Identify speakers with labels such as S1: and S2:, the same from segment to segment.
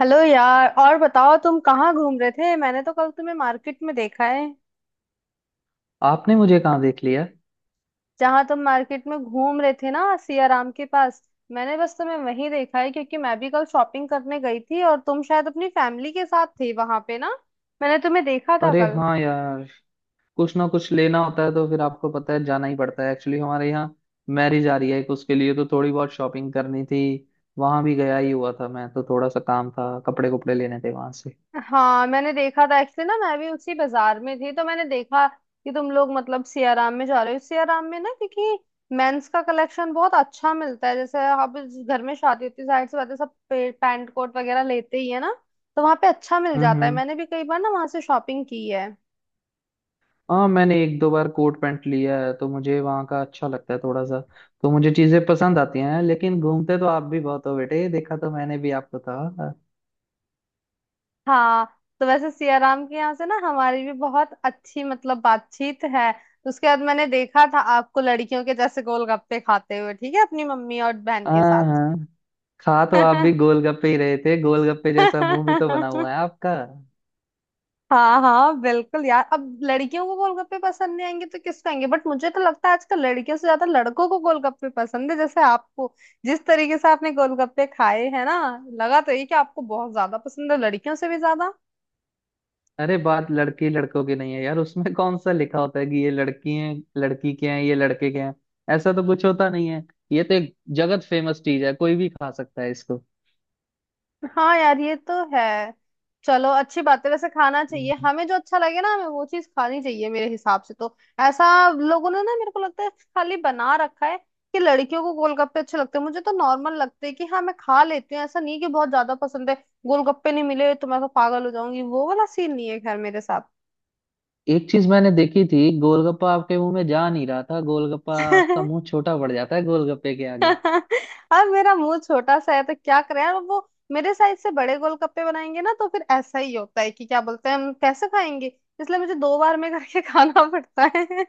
S1: Hello यार, और बताओ तुम कहाँ घूम रहे थे। मैंने तो कल तुम्हें मार्केट में देखा है,
S2: आपने मुझे कहाँ देख लिया।
S1: जहाँ तुम मार्केट में घूम रहे थे ना, सियाराम के पास। मैंने बस तुम्हें वहीं देखा है, क्योंकि मैं भी कल शॉपिंग करने गई थी और तुम शायद अपनी फैमिली के साथ थे वहां पे ना। मैंने तुम्हें देखा था
S2: अरे
S1: कल।
S2: हाँ यार। कुछ ना कुछ लेना होता है तो फिर आपको पता है जाना ही पड़ता है, एक्चुअली हमारे यहाँ मैरिज आ रही है एक, उसके लिए तो थोड़ी बहुत शॉपिंग करनी थी। वहां भी गया ही हुआ था मैं तो, थोड़ा सा काम था, कपड़े कपड़े लेने थे वहां से।
S1: हाँ, मैंने देखा था एक्चुअली ना, मैं भी उसी बाजार में थी, तो मैंने देखा कि तुम लोग मतलब सियाराम में जा रहे हो। सियाराम में ना, क्योंकि मेंस का कलेक्शन बहुत अच्छा मिलता है। जैसे अब इस घर में शादी होती है, जाहिर सी बात है, सब पैंट कोट वगैरह लेते ही है ना। तो वहां पे अच्छा मिल जाता है,
S2: हम्म।
S1: मैंने भी कई बार ना वहां से शॉपिंग की है।
S2: हाँ मैंने एक दो बार कोट पैंट लिया है तो मुझे वहाँ का अच्छा लगता है थोड़ा सा। तो मुझे चीजें पसंद आती हैं लेकिन घूमते तो आप भी बहुत हो बेटे, देखा तो मैंने भी आपको था।
S1: हाँ, तो वैसे सियाराम के यहाँ से ना हमारी भी बहुत अच्छी मतलब बातचीत है। उसके बाद मैंने देखा था आपको लड़कियों के जैसे गोलगप्पे खाते हुए, ठीक है, अपनी मम्मी और बहन के साथ।
S2: हाँ हाँ। खा तो आप भी गोलगप्पे ही रहे थे, गोलगप्पे जैसा मुंह भी तो बना हुआ है आपका।
S1: हाँ हाँ, बिल्कुल यार, अब लड़कियों को गोलगप्पे पसंद नहीं आएंगे तो किसको आएंगे। बट मुझे तो लगता है आजकल लड़कियों से ज्यादा लड़कों को गोलगप्पे पसंद है, जैसे आपको। जिस तरीके से आपने गोलगप्पे खाए है ना, लगा तो ये कि आपको बहुत ज्यादा पसंद है, लड़कियों से भी।
S2: अरे बात लड़की लड़कों की नहीं है यार, उसमें कौन सा लिखा होता है कि ये लड़की है, लड़की के हैं ये लड़के के हैं। ऐसा तो कुछ होता नहीं है। ये तो एक जगत फेमस चीज है, कोई भी खा सकता है इसको।
S1: हाँ यार, ये तो है। चलो, अच्छी बात है। वैसे खाना चाहिए
S2: हम्म।
S1: हमें, जो अच्छा लगे ना हमें, वो चीज खानी चाहिए मेरे हिसाब से तो। ऐसा लोगों ने ना मेरे को लगता है खाली बना रखा है कि लड़कियों को गोलगप्पे अच्छे लगते हैं। मुझे तो नॉर्मल लगते हैं, कि हाँ, मैं खा लेती हूँ, ऐसा नहीं कि बहुत ज्यादा पसंद है। गोलगप्पे नहीं मिले तो मैं तो पागल हो जाऊंगी, वो वाला सीन नहीं है खैर मेरे
S2: एक चीज मैंने देखी थी, गोलगप्पा आपके मुंह में जा नहीं रहा था, गोलगप्पा आपका
S1: साथ।
S2: मुंह छोटा पड़ जाता है गोलगप्पे के आगे।
S1: अब मेरा मुंह छोटा सा है, तो क्या करें यार। वो मेरे साइज से बड़े गोलगप्पे बनाएंगे ना, तो फिर ऐसा ही होता है कि क्या बोलते हैं, हम कैसे खाएंगे। इसलिए मुझे दो बार में करके खाना पड़ता है।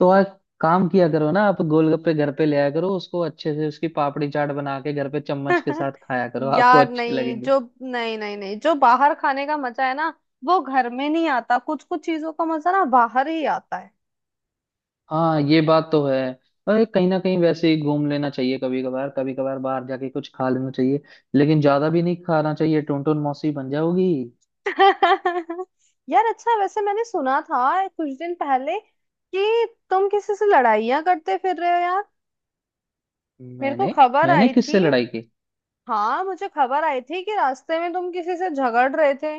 S2: तो आप काम किया करो ना, आप गोलगप्पे घर पे ले आया करो, उसको अच्छे से उसकी पापड़ी चाट बना के घर पे चम्मच के साथ खाया करो आपको
S1: यार
S2: अच्छे
S1: नहीं,
S2: लगेंगे।
S1: जो नहीं नहीं नहीं जो बाहर खाने का मजा है ना, वो घर में नहीं आता। कुछ कुछ चीजों का मजा ना बाहर ही आता है।
S2: हाँ ये बात तो है। अरे कहीं ना कहीं वैसे ही घूम लेना चाहिए, कभी कभार कभी कभार बाहर जाके कुछ खा लेना चाहिए। लेकिन ज्यादा भी नहीं खाना चाहिए, टुनटुन मौसी बन जाओगी।
S1: यार अच्छा, वैसे मैंने सुना था कुछ दिन पहले कि तुम किसी से लड़ाइयाँ करते फिर रहे हो यार। मेरे को
S2: मैंने
S1: खबर
S2: मैंने
S1: आई थी।
S2: किससे लड़ाई की?
S1: हाँ, मुझे खबर आई थी कि रास्ते में तुम किसी से झगड़ रहे थे।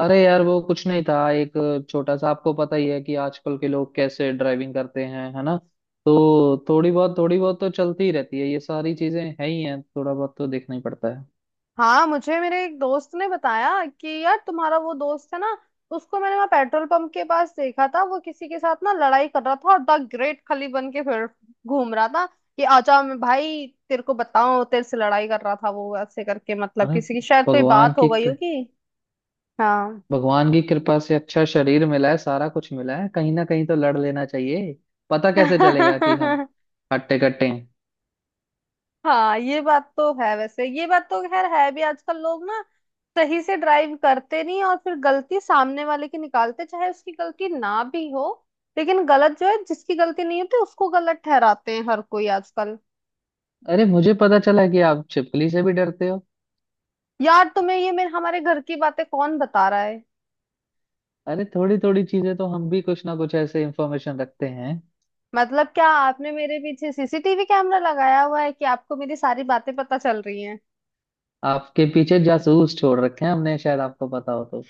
S2: अरे यार वो कुछ नहीं था, एक छोटा सा, आपको पता ही है कि आजकल के लोग कैसे ड्राइविंग करते हैं है ना। तो थोड़ी बहुत तो चलती ही रहती है, ये सारी चीजें है ही हैं, थोड़ा बहुत तो देखना ही पड़ता है।
S1: हाँ, मुझे मेरे एक दोस्त ने बताया कि यार तुम्हारा वो दोस्त है ना, उसको मैंने वहाँ पेट्रोल पंप के पास देखा था। वो किसी के साथ ना लड़ाई कर रहा था और द ग्रेट खली बन के फिर घूम रहा था कि आजा मैं भाई तेरे को बताऊं, तेरे से लड़ाई कर रहा था वो ऐसे करके। मतलब
S2: अरे
S1: किसी की शायद कोई
S2: भगवान
S1: बात हो
S2: की
S1: गई होगी। हाँ।
S2: भगवान की कृपा से अच्छा शरीर मिला है, सारा कुछ मिला है, कहीं ना कहीं तो लड़ लेना चाहिए। पता कैसे चलेगा कि हम हट्टे कट्टे हैं।
S1: हाँ, ये बात तो है। वैसे ये बात तो खैर है भी, आजकल लोग ना सही से ड्राइव करते नहीं, और फिर गलती सामने वाले की निकालते, चाहे उसकी गलती ना भी हो। लेकिन गलत जो है, जिसकी गलती नहीं होती उसको गलत ठहराते हैं हर कोई आजकल।
S2: अरे मुझे पता चला कि आप छिपकली से भी डरते हो।
S1: यार तुम्हें ये मेरे हमारे घर की बातें कौन बता रहा है।
S2: अरे थोड़ी थोड़ी चीजें तो हम भी कुछ ना कुछ ऐसे इंफॉर्मेशन रखते हैं।
S1: मतलब क्या आपने मेरे पीछे सीसीटीवी कैमरा लगाया हुआ है कि आपको मेरी सारी बातें पता चल रही हैं।
S2: आपके पीछे जासूस छोड़ रखे हैं हमने, शायद आपको पता हो तो।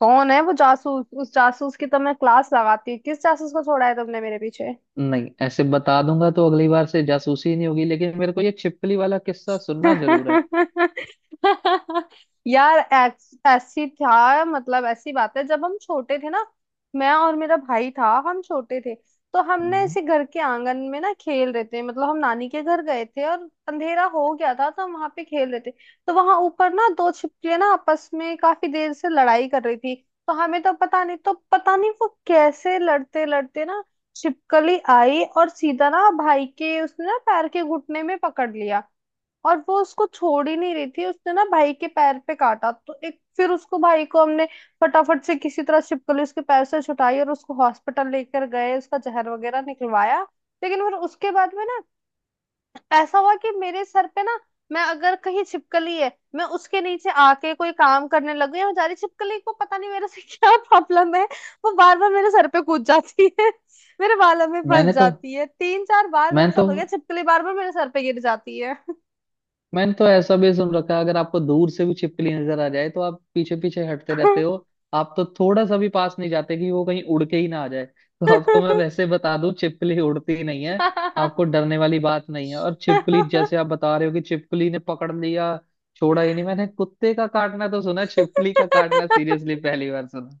S1: कौन है वो जासूस, उस जासूस की तो मैं क्लास लगाती हूँ। किस जासूस को छोड़ा है तुमने मेरे पीछे।
S2: नहीं ऐसे बता दूंगा तो अगली बार से जासूसी नहीं होगी, लेकिन मेरे को ये छिपकली वाला किस्सा सुनना जरूर है।
S1: यार ऐसी था, मतलब ऐसी बात है, जब हम छोटे थे ना, मैं और मेरा भाई था, हम छोटे थे। तो हमने
S2: हम्म।
S1: ऐसे घर के आंगन में ना खेल रहे थे, मतलब हम नानी के घर गए थे और अंधेरा हो गया था, तो हम वहां पे खेल रहे थे। तो वहां ऊपर ना दो छिपकलियां ना आपस में काफी देर से लड़ाई कर रही थी। तो हमें तो पता नहीं, वो कैसे लड़ते लड़ते ना छिपकली आई और सीधा ना भाई के उसने ना पैर के घुटने में पकड़ लिया। और वो उसको छोड़ ही नहीं रही थी, उसने ना भाई के पैर पे काटा, तो एक फिर उसको भाई को हमने फटाफट से किसी तरह छिपकली उसके पैर से छुटाई और उसको हॉस्पिटल लेकर गए, उसका जहर वगैरह निकलवाया। लेकिन फिर उसके बाद में ना ऐसा हुआ कि मेरे सर पे ना, मैं अगर कहीं छिपकली है, मैं उसके नीचे आके कोई काम करने लग गई, और बेचारी छिपकली को पता नहीं मेरे से क्या प्रॉब्लम है, वो बार बार मेरे सर पे कूद जाती है, मेरे बालों में फंस
S2: मैंने तो
S1: जाती है। तीन चार बार
S2: मैं
S1: मेरे साथ
S2: तो
S1: हो गया, छिपकली बार बार मेरे सर पे गिर जाती है।
S2: मैंने तो ऐसा भी सुन रखा है, अगर आपको दूर से भी छिपकली नजर आ जाए तो आप पीछे पीछे हटते रहते हो। आप तो थोड़ा सा भी पास नहीं जाते कि वो कहीं उड़ के ही ना आ जाए, तो आपको मैं
S1: हाँ,
S2: वैसे बता दूं छिपकली उड़ती ही नहीं है। आपको डरने वाली बात नहीं है, और छिपकली जैसे आप बता रहे हो कि छिपकली ने पकड़ लिया, छोड़ा ही नहीं, मैंने कुत्ते का काटना तो सुना है, छिपकली का काटना सीरियसली पहली बार सुना।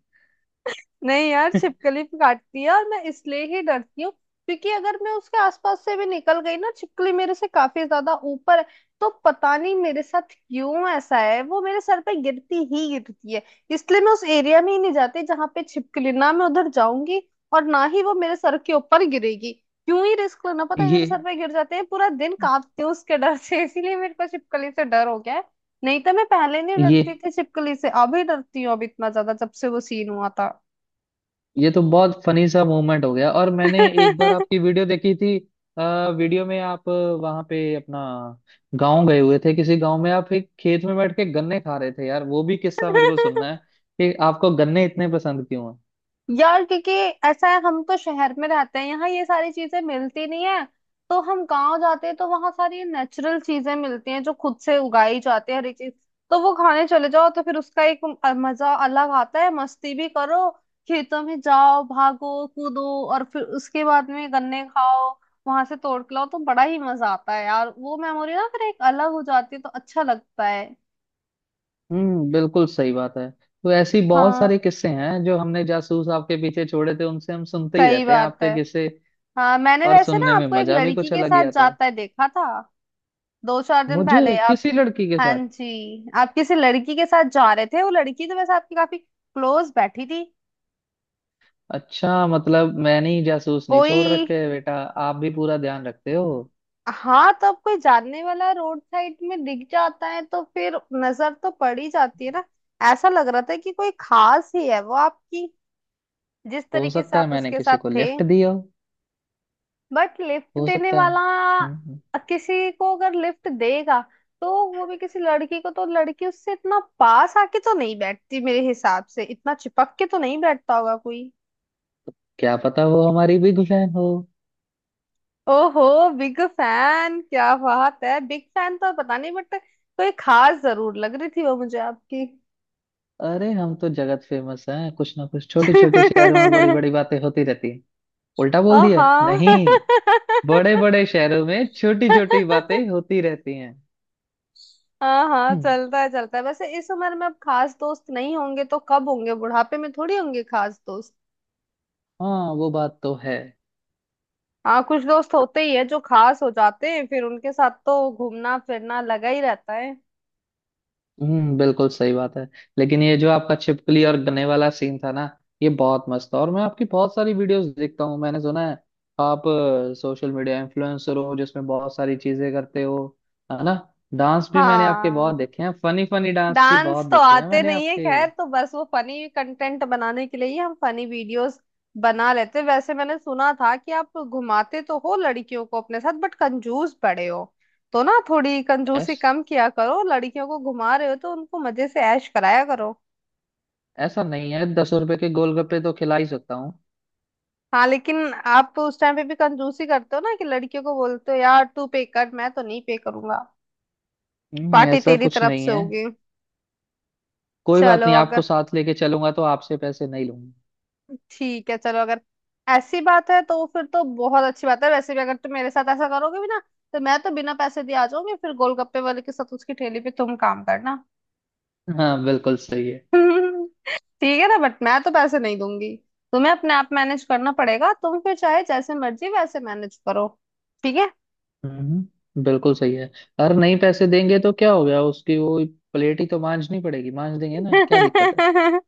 S1: नहीं यार, छिपकली काटती है और मैं इसलिए ही डरती हूँ, क्योंकि अगर मैं उसके आसपास से भी निकल गई ना, छिपकली मेरे से काफी ज्यादा ऊपर है, तो पता नहीं मेरे साथ क्यों ऐसा है, वो मेरे सर पे गिरती ही गिरती है। इसलिए मैं उस एरिया में ही नहीं जाती जहां पे छिपकली ना, मैं उधर जाऊंगी और ना ही वो मेरे सर के ऊपर गिरेगी। क्यों ही रिस्क लेना, पता है
S2: ये
S1: मेरे सर पे गिर जाते हैं, पूरा दिन कांपती हूँ उसके डर से, इसीलिए मेरे को छिपकली से डर हो गया है। नहीं तो मैं पहले नहीं
S2: ये
S1: डरती थी छिपकली से, अभी डरती हूँ अब इतना ज्यादा जब से वो सीन हुआ था।
S2: ये तो बहुत फनी सा मोमेंट हो गया, और मैंने एक बार आपकी वीडियो देखी थी। वीडियो में आप वहां पे अपना गांव गए हुए थे, किसी गांव में आप एक खेत में बैठ के गन्ने खा रहे थे, यार वो भी किस्सा मेरे को सुनना है कि आपको गन्ने इतने पसंद क्यों हैं।
S1: यार क्योंकि ऐसा है, हम तो शहर में रहते हैं, यहाँ ये सारी चीजें मिलती नहीं है। तो हम गांव जाते हैं तो वहां सारी नेचुरल चीजें मिलती हैं, जो खुद से उगाई जाती है हर एक चीज। तो वो खाने चले जाओ तो फिर उसका एक मजा अलग आता है। मस्ती भी करो, खेतों में जाओ, भागो कूदो, और फिर उसके बाद में गन्ने खाओ, वहां से तोड़ के लाओ, तो बड़ा ही मजा आता है यार। वो मेमोरी ना फिर एक अलग हो जाती है, तो अच्छा लगता है।
S2: बिल्कुल सही बात है। तो ऐसी बहुत सारे
S1: हाँ,
S2: किस्से हैं जो हमने जासूस आपके पीछे छोड़े थे, उनसे हम सुनते ही
S1: सही
S2: रहते हैं
S1: बात है।
S2: आपके किस्से।
S1: हाँ, मैंने
S2: और
S1: वैसे
S2: सुनने
S1: ना
S2: में
S1: आपको एक
S2: मजा भी
S1: लड़की
S2: कुछ
S1: के
S2: अलग ही
S1: साथ
S2: आता है।
S1: जाता है देखा था, दो चार दिन पहले
S2: मुझे
S1: आप।
S2: किसी लड़की के
S1: हाँ
S2: साथ?
S1: जी, आप किसी लड़की के साथ जा रहे थे। वो लड़की तो वैसे आपकी काफी क्लोज बैठी थी।
S2: अच्छा मतलब मैंने ही जासूस नहीं छोड़
S1: कोई,
S2: रखे हैं बेटा, आप भी पूरा ध्यान रखते हो।
S1: हाँ, तो अब कोई जानने वाला रोड साइड में दिख जाता है तो फिर नजर तो पड़ ही जाती है ना। ऐसा लग रहा था कि कोई खास ही है वो आपकी, जिस
S2: हो
S1: तरीके से
S2: सकता है
S1: आप
S2: मैंने
S1: उसके
S2: किसी
S1: साथ
S2: को
S1: थे।
S2: लिफ्ट दिया हो।
S1: बट लिफ्ट
S2: हो
S1: देने
S2: सकता
S1: वाला
S2: है। हम्म हम्म।
S1: किसी को अगर लिफ्ट देगा, तो वो भी किसी लड़की को, तो लड़की उससे इतना पास आके तो नहीं बैठती मेरे हिसाब से, इतना चिपक के तो नहीं बैठता होगा कोई।
S2: क्या पता वो हमारी भी गुफैन हो।
S1: ओहो, बिग फैन, क्या बात है। बिग फैन तो पता नहीं, बट कोई खास जरूर लग रही थी वो मुझे आपकी।
S2: अरे हम तो जगत फेमस हैं, कुछ ना कुछ छोटे छोटे शहरों में बड़ी बड़ी बातें होती रहती हैं। उल्टा बोल
S1: हाँ
S2: दिया
S1: हाँ।
S2: नहीं। बड़े बड़े शहरों में छोटी छोटी बातें होती रहती हैं।
S1: हाँ,
S2: हम्म,
S1: चलता है चलता है। वैसे इस उम्र में अब खास दोस्त नहीं होंगे तो कब होंगे, बुढ़ापे में थोड़ी होंगे खास दोस्त।
S2: हाँ वो बात तो है।
S1: हाँ, कुछ दोस्त होते ही है जो खास हो जाते हैं, फिर उनके साथ तो घूमना फिरना लगा ही रहता है।
S2: बिल्कुल सही बात है। लेकिन ये जो आपका छिपकली और गन्ने वाला सीन था ना, ये बहुत मस्त था, और मैं आपकी बहुत सारी वीडियोस देखता हूँ। मैंने सुना है आप सोशल मीडिया इन्फ्लुएंसर हो जिसमें बहुत सारी चीजें करते हो, है ना। डांस भी मैंने आपके
S1: हाँ,
S2: बहुत देखे हैं, फनी फनी डांस भी
S1: डांस
S2: बहुत
S1: तो
S2: देखे हैं
S1: आते
S2: मैंने
S1: नहीं है
S2: आपके।
S1: खैर, तो बस वो फनी कंटेंट बनाने के लिए ही हम फनी वीडियोस बना लेते हैं। वैसे मैंने सुना था कि आप घुमाते तो हो लड़कियों को अपने साथ, बट कंजूस बड़े हो, तो ना थोड़ी कंजूसी
S2: ऐस,
S1: कम किया करो। लड़कियों को घुमा रहे हो तो उनको मजे से ऐश कराया करो।
S2: ऐसा नहीं है, 10 रुपए के गोलगप्पे तो खिला ही सकता हूँ।
S1: हाँ, लेकिन आप तो उस टाइम पे भी कंजूसी करते हो ना, कि लड़कियों को बोलते हो यार तू पे कर, मैं तो नहीं पे करूंगा,
S2: नहीं,
S1: पार्टी
S2: ऐसा
S1: तेरी
S2: कुछ
S1: तरफ
S2: नहीं
S1: से
S2: है।
S1: होगी।
S2: कोई बात
S1: चलो
S2: नहीं, आपको
S1: अगर,
S2: साथ लेके चलूंगा तो आपसे पैसे नहीं लूंगा।
S1: ठीक है, चलो अगर ऐसी बात है तो फिर तो बहुत अच्छी बात है। वैसे भी अगर तुम मेरे साथ ऐसा करोगे भी ना, तो मैं तो बिना पैसे दिए आ जाऊंगी, फिर गोलगप्पे वाले के साथ उसकी ठेली पे तुम काम करना।
S2: हाँ बिल्कुल सही है।
S1: ठीक है ना, बट मैं तो पैसे नहीं दूंगी, तुम्हें अपने आप मैनेज करना पड़ेगा। तुम फिर चाहे जैसे मर्जी वैसे मैनेज करो, ठीक
S2: बिल्कुल सही है। अगर नहीं पैसे देंगे तो क्या हो गया, उसकी वो प्लेट ही तो मांजनी पड़ेगी, मांज देंगे
S1: है।
S2: ना क्या दिक्कत है।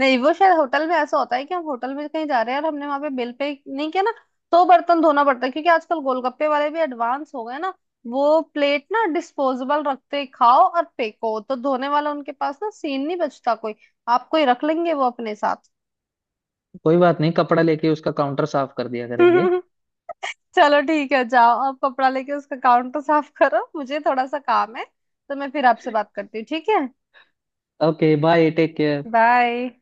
S1: नहीं, वो शायद होटल में ऐसा होता है, कि हम होटल में कहीं जा रहे हैं और हमने वहां पे बिल पे नहीं किया ना, तो बर्तन धोना पड़ता है। क्योंकि आजकल गोलगप्पे वाले भी एडवांस हो गए ना, वो प्लेट ना डिस्पोजेबल रखते, खाओ और फेंको, तो धोने वाला उनके पास ना सीन नहीं बचता कोई। आप कोई रख लेंगे वो अपने साथ।
S2: कोई बात नहीं, कपड़ा लेके उसका काउंटर साफ कर दिया करेंगे।
S1: चलो ठीक है, जाओ आप कपड़ा लेके उसका काउंटर साफ करो, मुझे थोड़ा सा काम है, तो मैं फिर आपसे बात करती हूँ, ठीक है।
S2: Okay bye, take care.
S1: Bye.